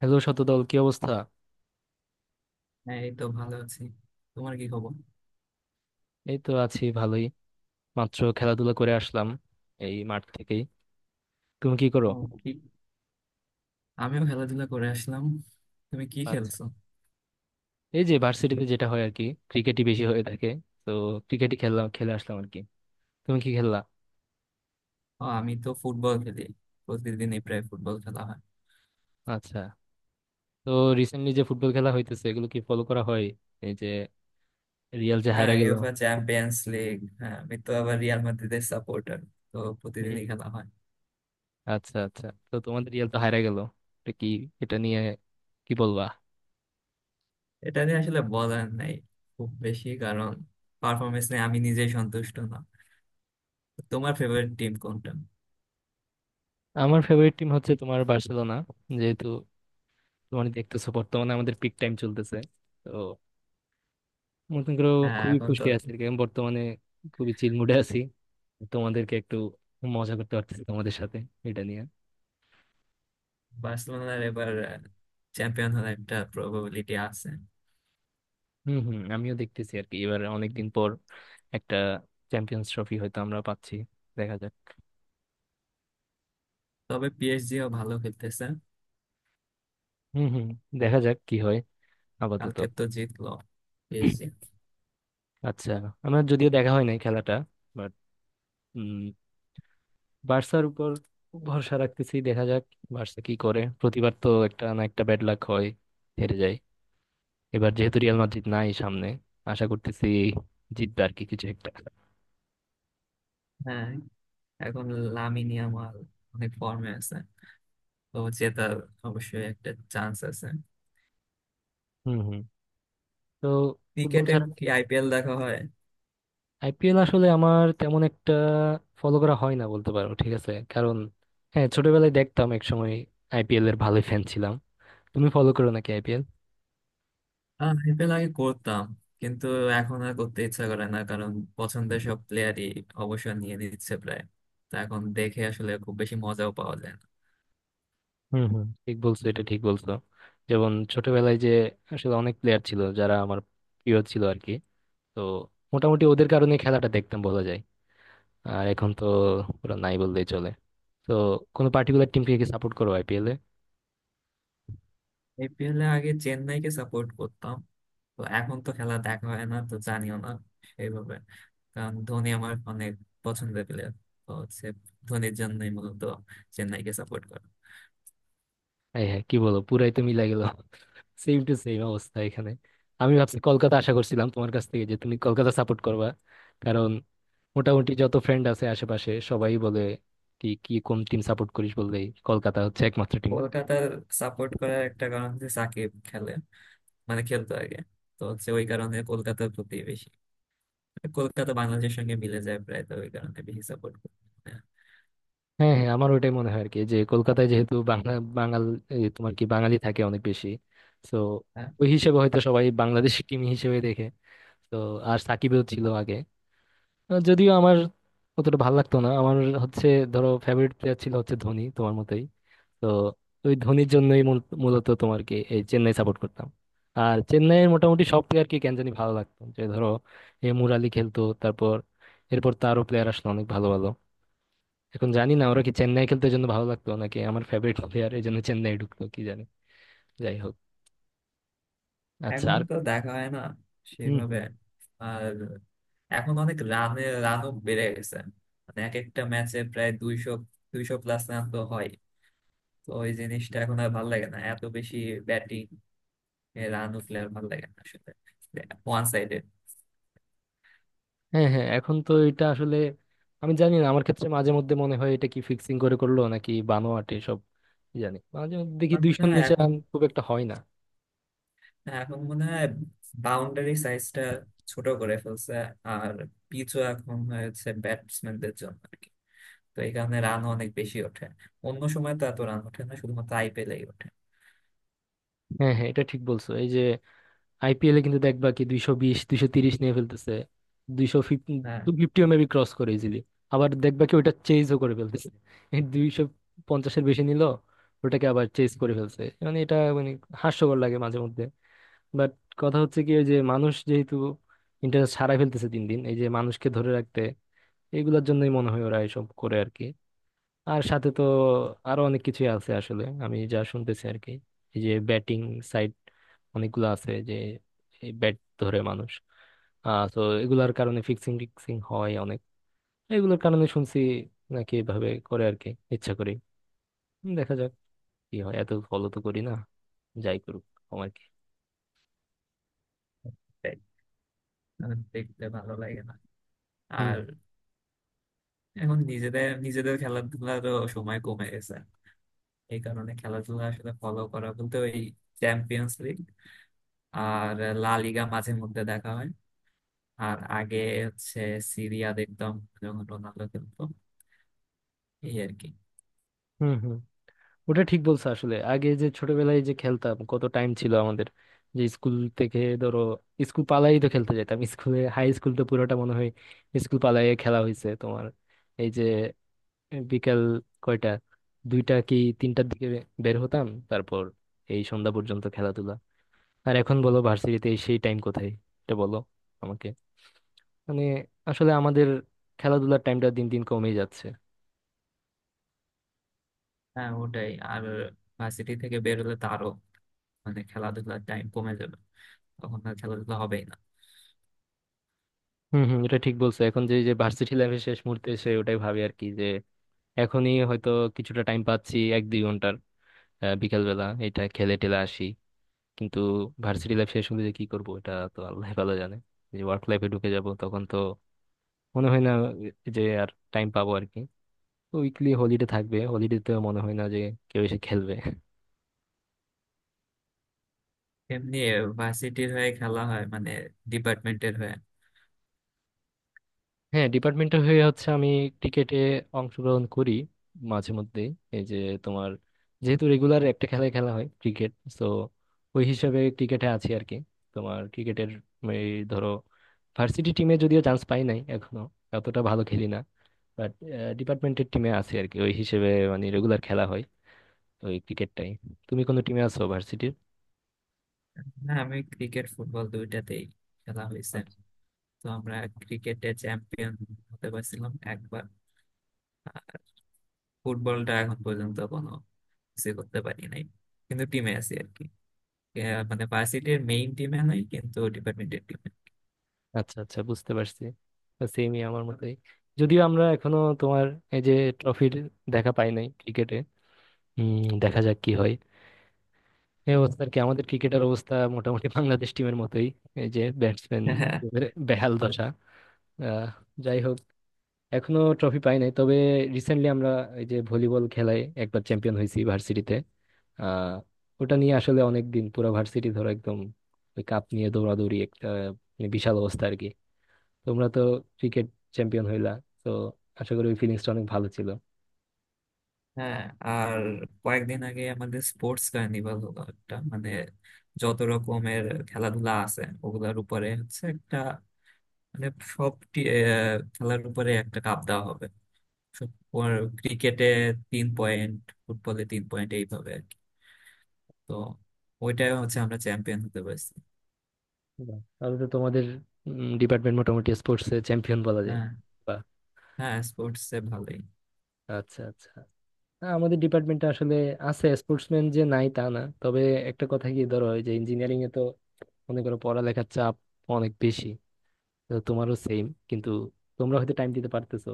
Hello, Shatadal, কি অবস্থা? হ্যাঁ, এই তো ভালো আছি। তোমার কি খবর? এই তো আছি ভালোই। মাত্র খেলাধুলা করে আসলাম এই মাঠ থেকেই। তুমি কি করো? ও, কি? আমিও খেলাধুলা করে আসলাম। তুমি কি আচ্ছা। খেলছো? এই যে ভার্সিটিতে যেটা হয় আর কি, ক্রিকেটই বেশি হয়ে থাকে। তো ক্রিকেটই খেললাম, খেলে আসলাম আর কি। তুমি কি খেললা? ও, আমি তো ফুটবল খেলি। প্রতিদিনই প্রায় ফুটবল খেলা হয়। আচ্ছা। তো রিসেন্টলি যে ফুটবল খেলা হইতেছে, এগুলো কি ফলো করা হয়? এই যে রিয়াল যে হ্যাঁ, হায়রা গেল। UEFA champions league. হ্যাঁ, আমি তো আবার রিয়াল মাদ্রিদের সাপোর্টার। তো হুম। প্রতিদিনই খেলা হয়। আচ্ছা আচ্ছা, তো তোমাদের রিয়াল তো হায়রা গেল, এটা কি, এটা নিয়ে কি বলবা? এটা নিয়ে আসলে বলার নাই খুব বেশি। কারণ পারফরমেন্স নিয়ে আমি নিজেই সন্তুষ্ট না। তোমার ফেভারিট টিম কোনটা? আমার ফেভারিট টিম হচ্ছে তোমার বার্সেলোনা। যেহেতু তোমার দেখতেছো বর্তমানে আমাদের পিক টাইম চলতেছে, মনে করো হ্যাঁ, খুবই এখন তো খুশি আছি আর কি। আমি বর্তমানে খুবই চিল মুডে আছি, তোমাদেরকে একটু মজা করতে পারতেছি তোমাদের সাথে এটা নিয়ে। বার্সেলোনার এবার চ্যাম্পিয়ন হওয়ার একটা প্রবাবিলিটি আছে। হম হম, আমিও দেখতেছি আর কি, এবার অনেকদিন পর একটা চ্যাম্পিয়ন্স ট্রফি হয়তো আমরা পাচ্ছি। দেখা যাক। তবে পিএসজিও ভালো খেলতেছে। হম হম, দেখা যাক কি হয় আপাতত। কালকে তো জিতলো পিএসজি। আচ্ছা, আমার যদিও দেখা হয় নাই খেলাটা, বাট উম বার্সার উপর ভরসা রাখতেছি, দেখা যাক বার্সা কি করে। প্রতিবার তো একটা না একটা ব্যাড লাক হয়, হেরে যায়। এবার যেহেতু রিয়াল মাদ্রিদ নাই সামনে, আশা করতেছি জিতবে আর কি কিছু একটা। হ্যাঁ, এখন লামিন ইয়ামাল অনেক ফর্মে আছে। তো জেতার অবশ্যই একটা চান্স আছে। হুম হুম। তো ফুটবল ক্রিকেটে ছাড়া কি আইপিএল দেখা হয়? আইপিএল আসলে আমার তেমন একটা ফলো করা হয় না বলতে পারো, ঠিক আছে। কারণ হ্যাঁ, ছোটবেলায় দেখতাম এক সময়, আইপিএল এর ভালোই ফ্যান ছিলাম। তুমি ফলো করো নাকি আইপিএল? আইপিএল আগে করতাম, কিন্তু এখন আর করতে ইচ্ছা করে না। কারণ পছন্দের সব প্লেয়ারই অবসর নিয়ে নিচ্ছে প্রায়। তো এখন দেখে আসলে খুব বেশি মজাও পাওয়া যায় না। হুম হুম, ঠিক বলছো, এটা ঠিক বলছো। যেমন ছোটবেলায় যে আসলে অনেক প্লেয়ার ছিল যারা আমার প্রিয় ছিল আর কি। তো মোটামুটি ওদের কারণে খেলাটা দেখতাম বলা যায়। আর এখন তো পুরো নাই বললেই চলে। তো কোনো পার্টিকুলার টিমকে কি সাপোর্ট করো আইপিএল এ? আইপিএল এ আগে চেন্নাইকে সাপোর্ট করতাম। তো এখন তো খেলা দেখা হয় না, তো জানিও না সেইভাবে। কারণ ধোনি আমার অনেক পছন্দের প্লেয়ার। তো হচ্ছে ধোনির জন্যই মূলত চেন্নাইকে সাপোর্ট করা। এই হ্যাঁ, কি বলো, পুরাই তো মিলাই গেল সেম টু সেম অবস্থা এখানে। আমি ভাবছি কলকাতা আশা করছিলাম তোমার কাছ থেকে, যে তুমি কলকাতা সাপোর্ট করবা। কারণ মোটামুটি যত ফ্রেন্ড আছে আশেপাশে সবাই বলে, কি কি কোন টিম সাপোর্ট করিস বললেই কলকাতা হচ্ছে একমাত্র টিম। কলকাতার সাপোর্ট করার একটা কারণ হচ্ছে সাকিব খেলে, মানে খেলতো আগে। তো হচ্ছে ওই কারণে কলকাতার প্রতি বেশি। মানে কলকাতা বাংলাদেশের সঙ্গে মিলে যায় প্রায়, তো ওই কারণে বেশি সাপোর্ট করি। হ্যাঁ হ্যাঁ, আমার ওটাই মনে হয় আর কি, যে কলকাতায় যেহেতু বাংলা, বাঙাল, এই তোমার কি বাঙালি থাকে অনেক বেশি। তো হ্যাঁ, ওই হিসেবে হয়তো সবাই বাংলাদেশি টিম হিসেবে দেখে। তো আর সাকিবেও ছিল আগে। যদিও আমার অতটা ভালো লাগতো না আমার। হচ্ছে, ধরো ফেভারিট প্লেয়ার ছিল হচ্ছে ধোনি তোমার মতোই। তো ওই ধোনির জন্যই মূলত তোমার কি এই চেন্নাই সাপোর্ট করতাম। আর চেন্নাইয়ের মোটামুটি সব প্লেয়ারকে কেন জানি ভালো লাগতো, যে ধরো এ মুরালি খেলতো, তারপর এরপর তারও প্লেয়ার আসলো অনেক ভালো ভালো। এখন জানি না ওরা কি চেন্নাই খেলতে জন্য ভালো লাগতো নাকি আমার ফেভারিট প্লেয়ার এই জন্য চেন্নাই ঢুকতো, কি জানি। যাই হোক। আচ্ছা এখন আর তো দেখা হয় না সেভাবে। হম। আর এখন অনেক রানে রানও বেড়ে গেছে। মানে এক একটা ম্যাচে প্রায় 200, 200 প্লাস রান তো হয়। তো ওই জিনিসটা এখন আর ভালো লাগে না, এত বেশি ব্যাটিং রান উঠলে আর ভালো লাগে না আসলে। One sided. হ্যাঁ হ্যাঁ, এখন তো এটা আসলে আমি জানি না, আমার ক্ষেত্রে মাঝে মধ্যে মনে হয় এটা কি ফিক্সিং করে করলো নাকি বানোয়াট সব জানি। মাঝে মধ্যে দেখি আমার মনে 200-এর হয় নিচে এখন রান খুব একটা হয় না। এখন মনে হয় বাউন্ডারি সাইজটা ছোট করে ফেলছে। আর পিচও এখন হয়েছে ব্যাটসম্যানদের জন্য আর কি। তো এই কারণে রানও অনেক বেশি ওঠে। অন্য সময় তো এত রান ওঠে না, শুধুমাত্র আইপিএলেই ওঠে। হ্যাঁ হ্যাঁ, এটা ঠিক বলছো। এই যে আইপিএলে কিন্তু দেখবা কি 220, 230 নিয়ে ফেলতেছে, 250, হ্যাঁ, 250-ও মেবি ক্রস করে ইজিলি। আবার দেখবা কি ওটা চেঞ্জও করে ফেলতেছে, এই 250-এর বেশি নিল ওটাকে আবার চেঞ্জ করে ফেলছে। মানে এটা মানে হাস্যকর লাগে মাঝে মধ্যে। বাট কথা হচ্ছে কি, ওই যে মানুষ যেহেতু ইন্টারনেট সারাই ফেলতেছে দিন দিন, এই যে মানুষকে ধরে রাখতে এগুলোর জন্যই মনে হয় ওরা এসব করে আর কি। আর সাথে তো আরো অনেক কিছুই আছে আসলে, আমি যা শুনতেছি আর কি। এই যে ব্যাটিং সাইট অনেকগুলো আছে যে এই ব্যাট ধরে মানুষ, আহ, তো এগুলার কারণে ফিক্সিং টিক্সিং হয় অনেক, এগুলোর কারণে শুনছি নাকি এভাবে করে আর কি। ইচ্ছা করি দেখা যাক কি হয়, এত ফলো তো করি না, যাই করুক আমার কি। তাই আমার দেখতে ভালো লাগে না। আর হুম এখন নিজেদের নিজেদের খেলাধুলারও সময় কমে গেছে। এই কারণে খেলাধুলা আসলে ফলো করা বলতে ওই চ্যাম্পিয়ন্স লিগ আর লা লিগা মাঝে মধ্যে দেখা হয়। আর আগে হচ্ছে সিরিয়া দেখতাম, যখন রোনালদো খেলতো, এই আর কি। হুম হুম। ওটা ঠিক বলছো। আসলে আগে যে ছোটবেলায় যে খেলতাম, কত টাইম ছিল আমাদের! যে স্কুল থেকে ধরো স্কুল পালাই তো খেলতে যেতাম, স্কুলে হাই স্কুল তো পুরোটা মনে হয় স্কুল পালাইয়ে খেলা হয়েছে তোমার। এই যে বিকাল, কয়টা, দুইটা কি তিনটার দিকে বের হতাম, তারপর এই সন্ধ্যা পর্যন্ত খেলাধুলা। আর এখন বলো ভার্সিটিতে সেই টাইম কোথায়, এটা বলো আমাকে। মানে আসলে আমাদের খেলাধুলার টাইমটা দিন দিন কমে যাচ্ছে। হ্যাঁ, ওটাই। আর ভার্সিটি থেকে বেরোলে তো আরো, মানে খেলাধুলার টাইম কমে যাবে, তখন আর খেলাধুলা হবেই না। হম হম, এটা ঠিক বলছো। এখন যে যে ভার্সিটি লাইফের শেষ মুহূর্তে এসে ওটাই ভাবি আর কি, যে এখনই হয়তো কিছুটা টাইম পাচ্ছি এক দুই ঘন্টার, বিকালবেলা এটা খেলে টেলে আসি। কিন্তু ভার্সিটি লাইফ শেষ হলে যে কি করবো এটা তো আল্লাহ ভালো জানে। যে ওয়ার্ক লাইফে ঢুকে যাব তখন তো মনে হয় না যে আর টাইম পাবো আর কি। উইকলি হলিডে থাকবে, হলিডে তো মনে হয় না যে কেউ এসে খেলবে। এমনি ভার্সিটির হয়ে খেলা হয়, মানে ডিপার্টমেন্টের হয়ে। হ্যাঁ, ডিপার্টমেন্টের হয়ে হচ্ছে আমি ক্রিকেটে অংশগ্রহণ করি মাঝে মধ্যে। এই যে তোমার, যেহেতু রেগুলার একটা খেলায় খেলা হয় ক্রিকেট, তো ওই হিসাবে ক্রিকেটে আছি আর কি। তোমার ক্রিকেটের, এই ধরো ভার্সিটি টিমে যদিও চান্স পাই নাই এখনো, অতটা ভালো খেলি না। বাট ডিপার্টমেন্টের টিমে আছি আর কি ওই হিসেবে, মানে রেগুলার খেলা হয় ওই ক্রিকেটটাই। তুমি কোনো টিমে আছো ভার্সিটির? হ্যাঁ, আমি ক্রিকেট ফুটবল দুইটাতেই খেলা হয়েছে। তো আমরা ক্রিকেটে চ্যাম্পিয়ন হতে পারছিলাম একবার। ফুটবলটা এখন পর্যন্ত কোনো কিছু করতে পারি নাই, কিন্তু টিমে আছি আর কি। মানে ভার্সিটির মেইন টিমে নাই, কিন্তু ডিপার্টমেন্টের টিমে। আচ্ছা আচ্ছা, বুঝতে পারছি। সেমই আমার মতোই। যদিও আমরা এখনো তোমার এই যে ট্রফির দেখা পাই নাই ক্রিকেটে। হম, দেখা যাক কি হয়, এই অবস্থা আর কি। আমাদের ক্রিকেটের অবস্থা মোটামুটি বাংলাদেশ টিমের মতোই, এই যে ব্যাটসম্যান হ্যাঁ বেহাল দশা। আহ, যাই হোক, এখনো ট্রফি পাই নাই, তবে রিসেন্টলি আমরা এই যে ভলিবল খেলায় একবার চ্যাম্পিয়ন হয়েছি ভার্সিটিতে। আহ ওটা নিয়ে আসলে অনেক দিন পুরো ভার্সিটি ধরো একদম ওই কাপ নিয়ে দৌড়াদৌড়ি, একটা মানে বিশাল অবস্থা আর কি। তোমরা তো ক্রিকেট চ্যাম্পিয়ন হইলা, তো আশা করি ওই ফিলিংসটা অনেক ভালো ছিল। হ্যাঁ, আর কয়েকদিন আগে আমাদের স্পোর্টস কার্নিভাল হলো একটা। মানে যত রকমের খেলাধুলা আছে ওগুলার উপরে হচ্ছে একটা, মানে সব খেলার উপরে একটা কাপ দেওয়া হবে। ক্রিকেটে 3 পয়েন্ট, ফুটবলে 3 পয়েন্ট, এইভাবে। তো ওইটাই, হচ্ছে আমরা চ্যাম্পিয়ন হতে পারছি। বাহ, তাহলে তো তোমাদের ডিপার্টমেন্ট মোটামুটি স্পোর্টস এ চ্যাম্পিয়ন বলা যায়। হ্যাঁ, বাহ। হ্যাঁ স্পোর্টস এ ভালোই। আচ্ছা আচ্ছা, না, আমাদের ডিপার্টমেন্টটা আসলে, আছে স্পোর্টসম্যান, যে নাই তা না, তবে একটা কথা কি, ধরো ওই যে ইঞ্জিনিয়ারিং এ তো মনে করো পড়ালেখার চাপ অনেক বেশি। তো তোমারও সেম, কিন্তু তোমরা হয়তো টাইম দিতে পারতেছো।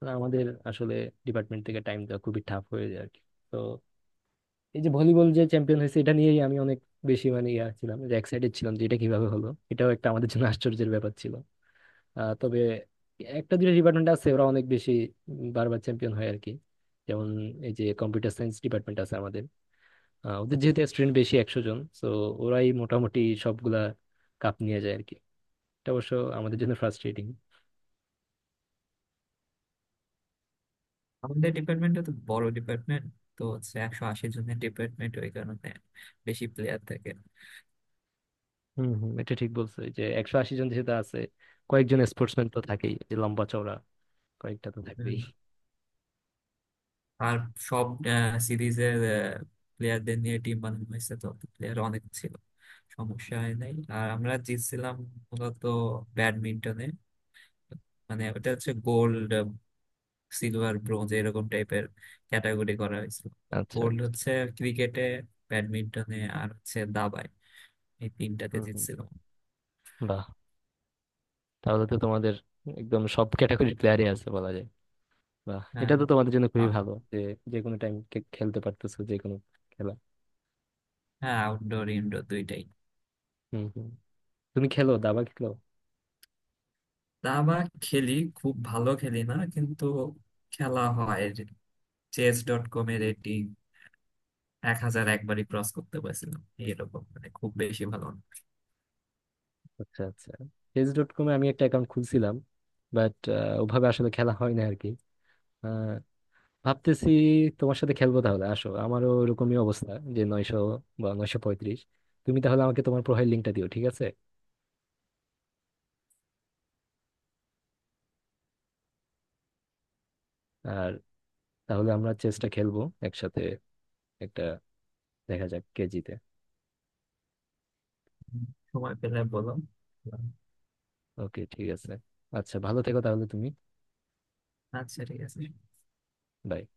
আর আমাদের আসলে ডিপার্টমেন্ট থেকে টাইম দেওয়া খুবই টাফ হয়ে যায় আর কি। তো এই যে ভলিবল যে চ্যাম্পিয়ন হয়েছে এটা নিয়েই আমি অনেক বেশি, মানে ইয়া ছিলাম, যে এক্সাইটেড ছিলাম যে এটা কিভাবে হলো, এটাও একটা আমাদের জন্য আশ্চর্যের ব্যাপার ছিল। তবে একটা দুটো ডিপার্টমেন্ট আছে ওরা অনেক বেশি বারবার চ্যাম্পিয়ন হয় আর কি। যেমন এই যে কম্পিউটার সায়েন্স ডিপার্টমেন্ট আছে আমাদের, ওদের যেহেতু স্টুডেন্ট বেশি, 100 জন, সো ওরাই মোটামুটি সবগুলা কাপ নিয়ে যায় আর কি। এটা অবশ্য আমাদের জন্য ফ্রাস্ট্রেটিং। আমাদের ডিপার্টমেন্টটা তো বড় ডিপার্টমেন্ট। তো হচ্ছে 180 জনের ডিপার্টমেন্ট, ওই কারণে বেশি প্লেয়ার থাকে। হম হম, এটা ঠিক বলছো। এই যে 180 জন যেহেতু আছে, কয়েকজন স্পোর্টসম্যান তো থাকেই যে লম্বা চওড়া, কয়েকটা তো থাকবেই। হুম। আর সব সিরিজের প্লেয়ারদের নিয়ে টিম বানানো হয়েছে, তো প্লেয়ার অনেক ছিল, সমস্যা হয় নাই। আর আমরা জিতছিলাম মূলত ব্যাডমিন্টনে। মানে ওটা হচ্ছে গোল্ড, সিলভার, ব্রোঞ্জ এরকম টাইপের ক্যাটাগরি করা হয়েছিল। আচ্ছা। গোল্ড হচ্ছে ক্রিকেটে, ব্যাডমিন্টনে আর হচ্ছে দাবায়। এই তিনটাতে হুম হুম, জিতছিল। বাহ, তাহলে তো তোমাদের একদম সব ক্যাটাগরির প্লেয়ারই আছে বলা যায়। বাহ, হ্যাঁ। এটা তো তোমাদের জন্য খুবই আ- ভালো, যে যে কোনো টাইম খেলতে পারতেছো যে কোনো খেলা। হ্যাঁ, আউটডোর ইনডোর দুইটাই। হম হম। তুমি খেলো, দাবা খেলো? দাবা খেলি, খুব ভালো খেলি না, কিন্তু খেলা হয়। chess.com এর রেটিং 1,000 একবারই ক্রস করতে পারছিলাম। এরকম, মানে খুব বেশি ভালো না। আচ্ছা আচ্ছা, চেস ডট কমে আমি একটা অ্যাকাউন্ট খুলছিলাম, বাট ওভাবে আসলে খেলা হয় না আর কি। আহ, ভাবতেছি তোমার সাথে খেলবো তাহলে। আসো, আমারও ওরকমই অবস্থা, যে 900 বা 935। তুমি তাহলে আমাকে তোমার প্রোফাইল লিঙ্কটা দিও, ঠিক আছে? আর তাহলে আমরা চেসটা খেলবো একসাথে একটা, দেখা যাক কে জিতে। সময় পেলে বলো। ওকে, ঠিক আছে। আচ্ছা, ভালো থেকো তাহলে তুমি। আচ্ছা, ঠিক আছে। Bye.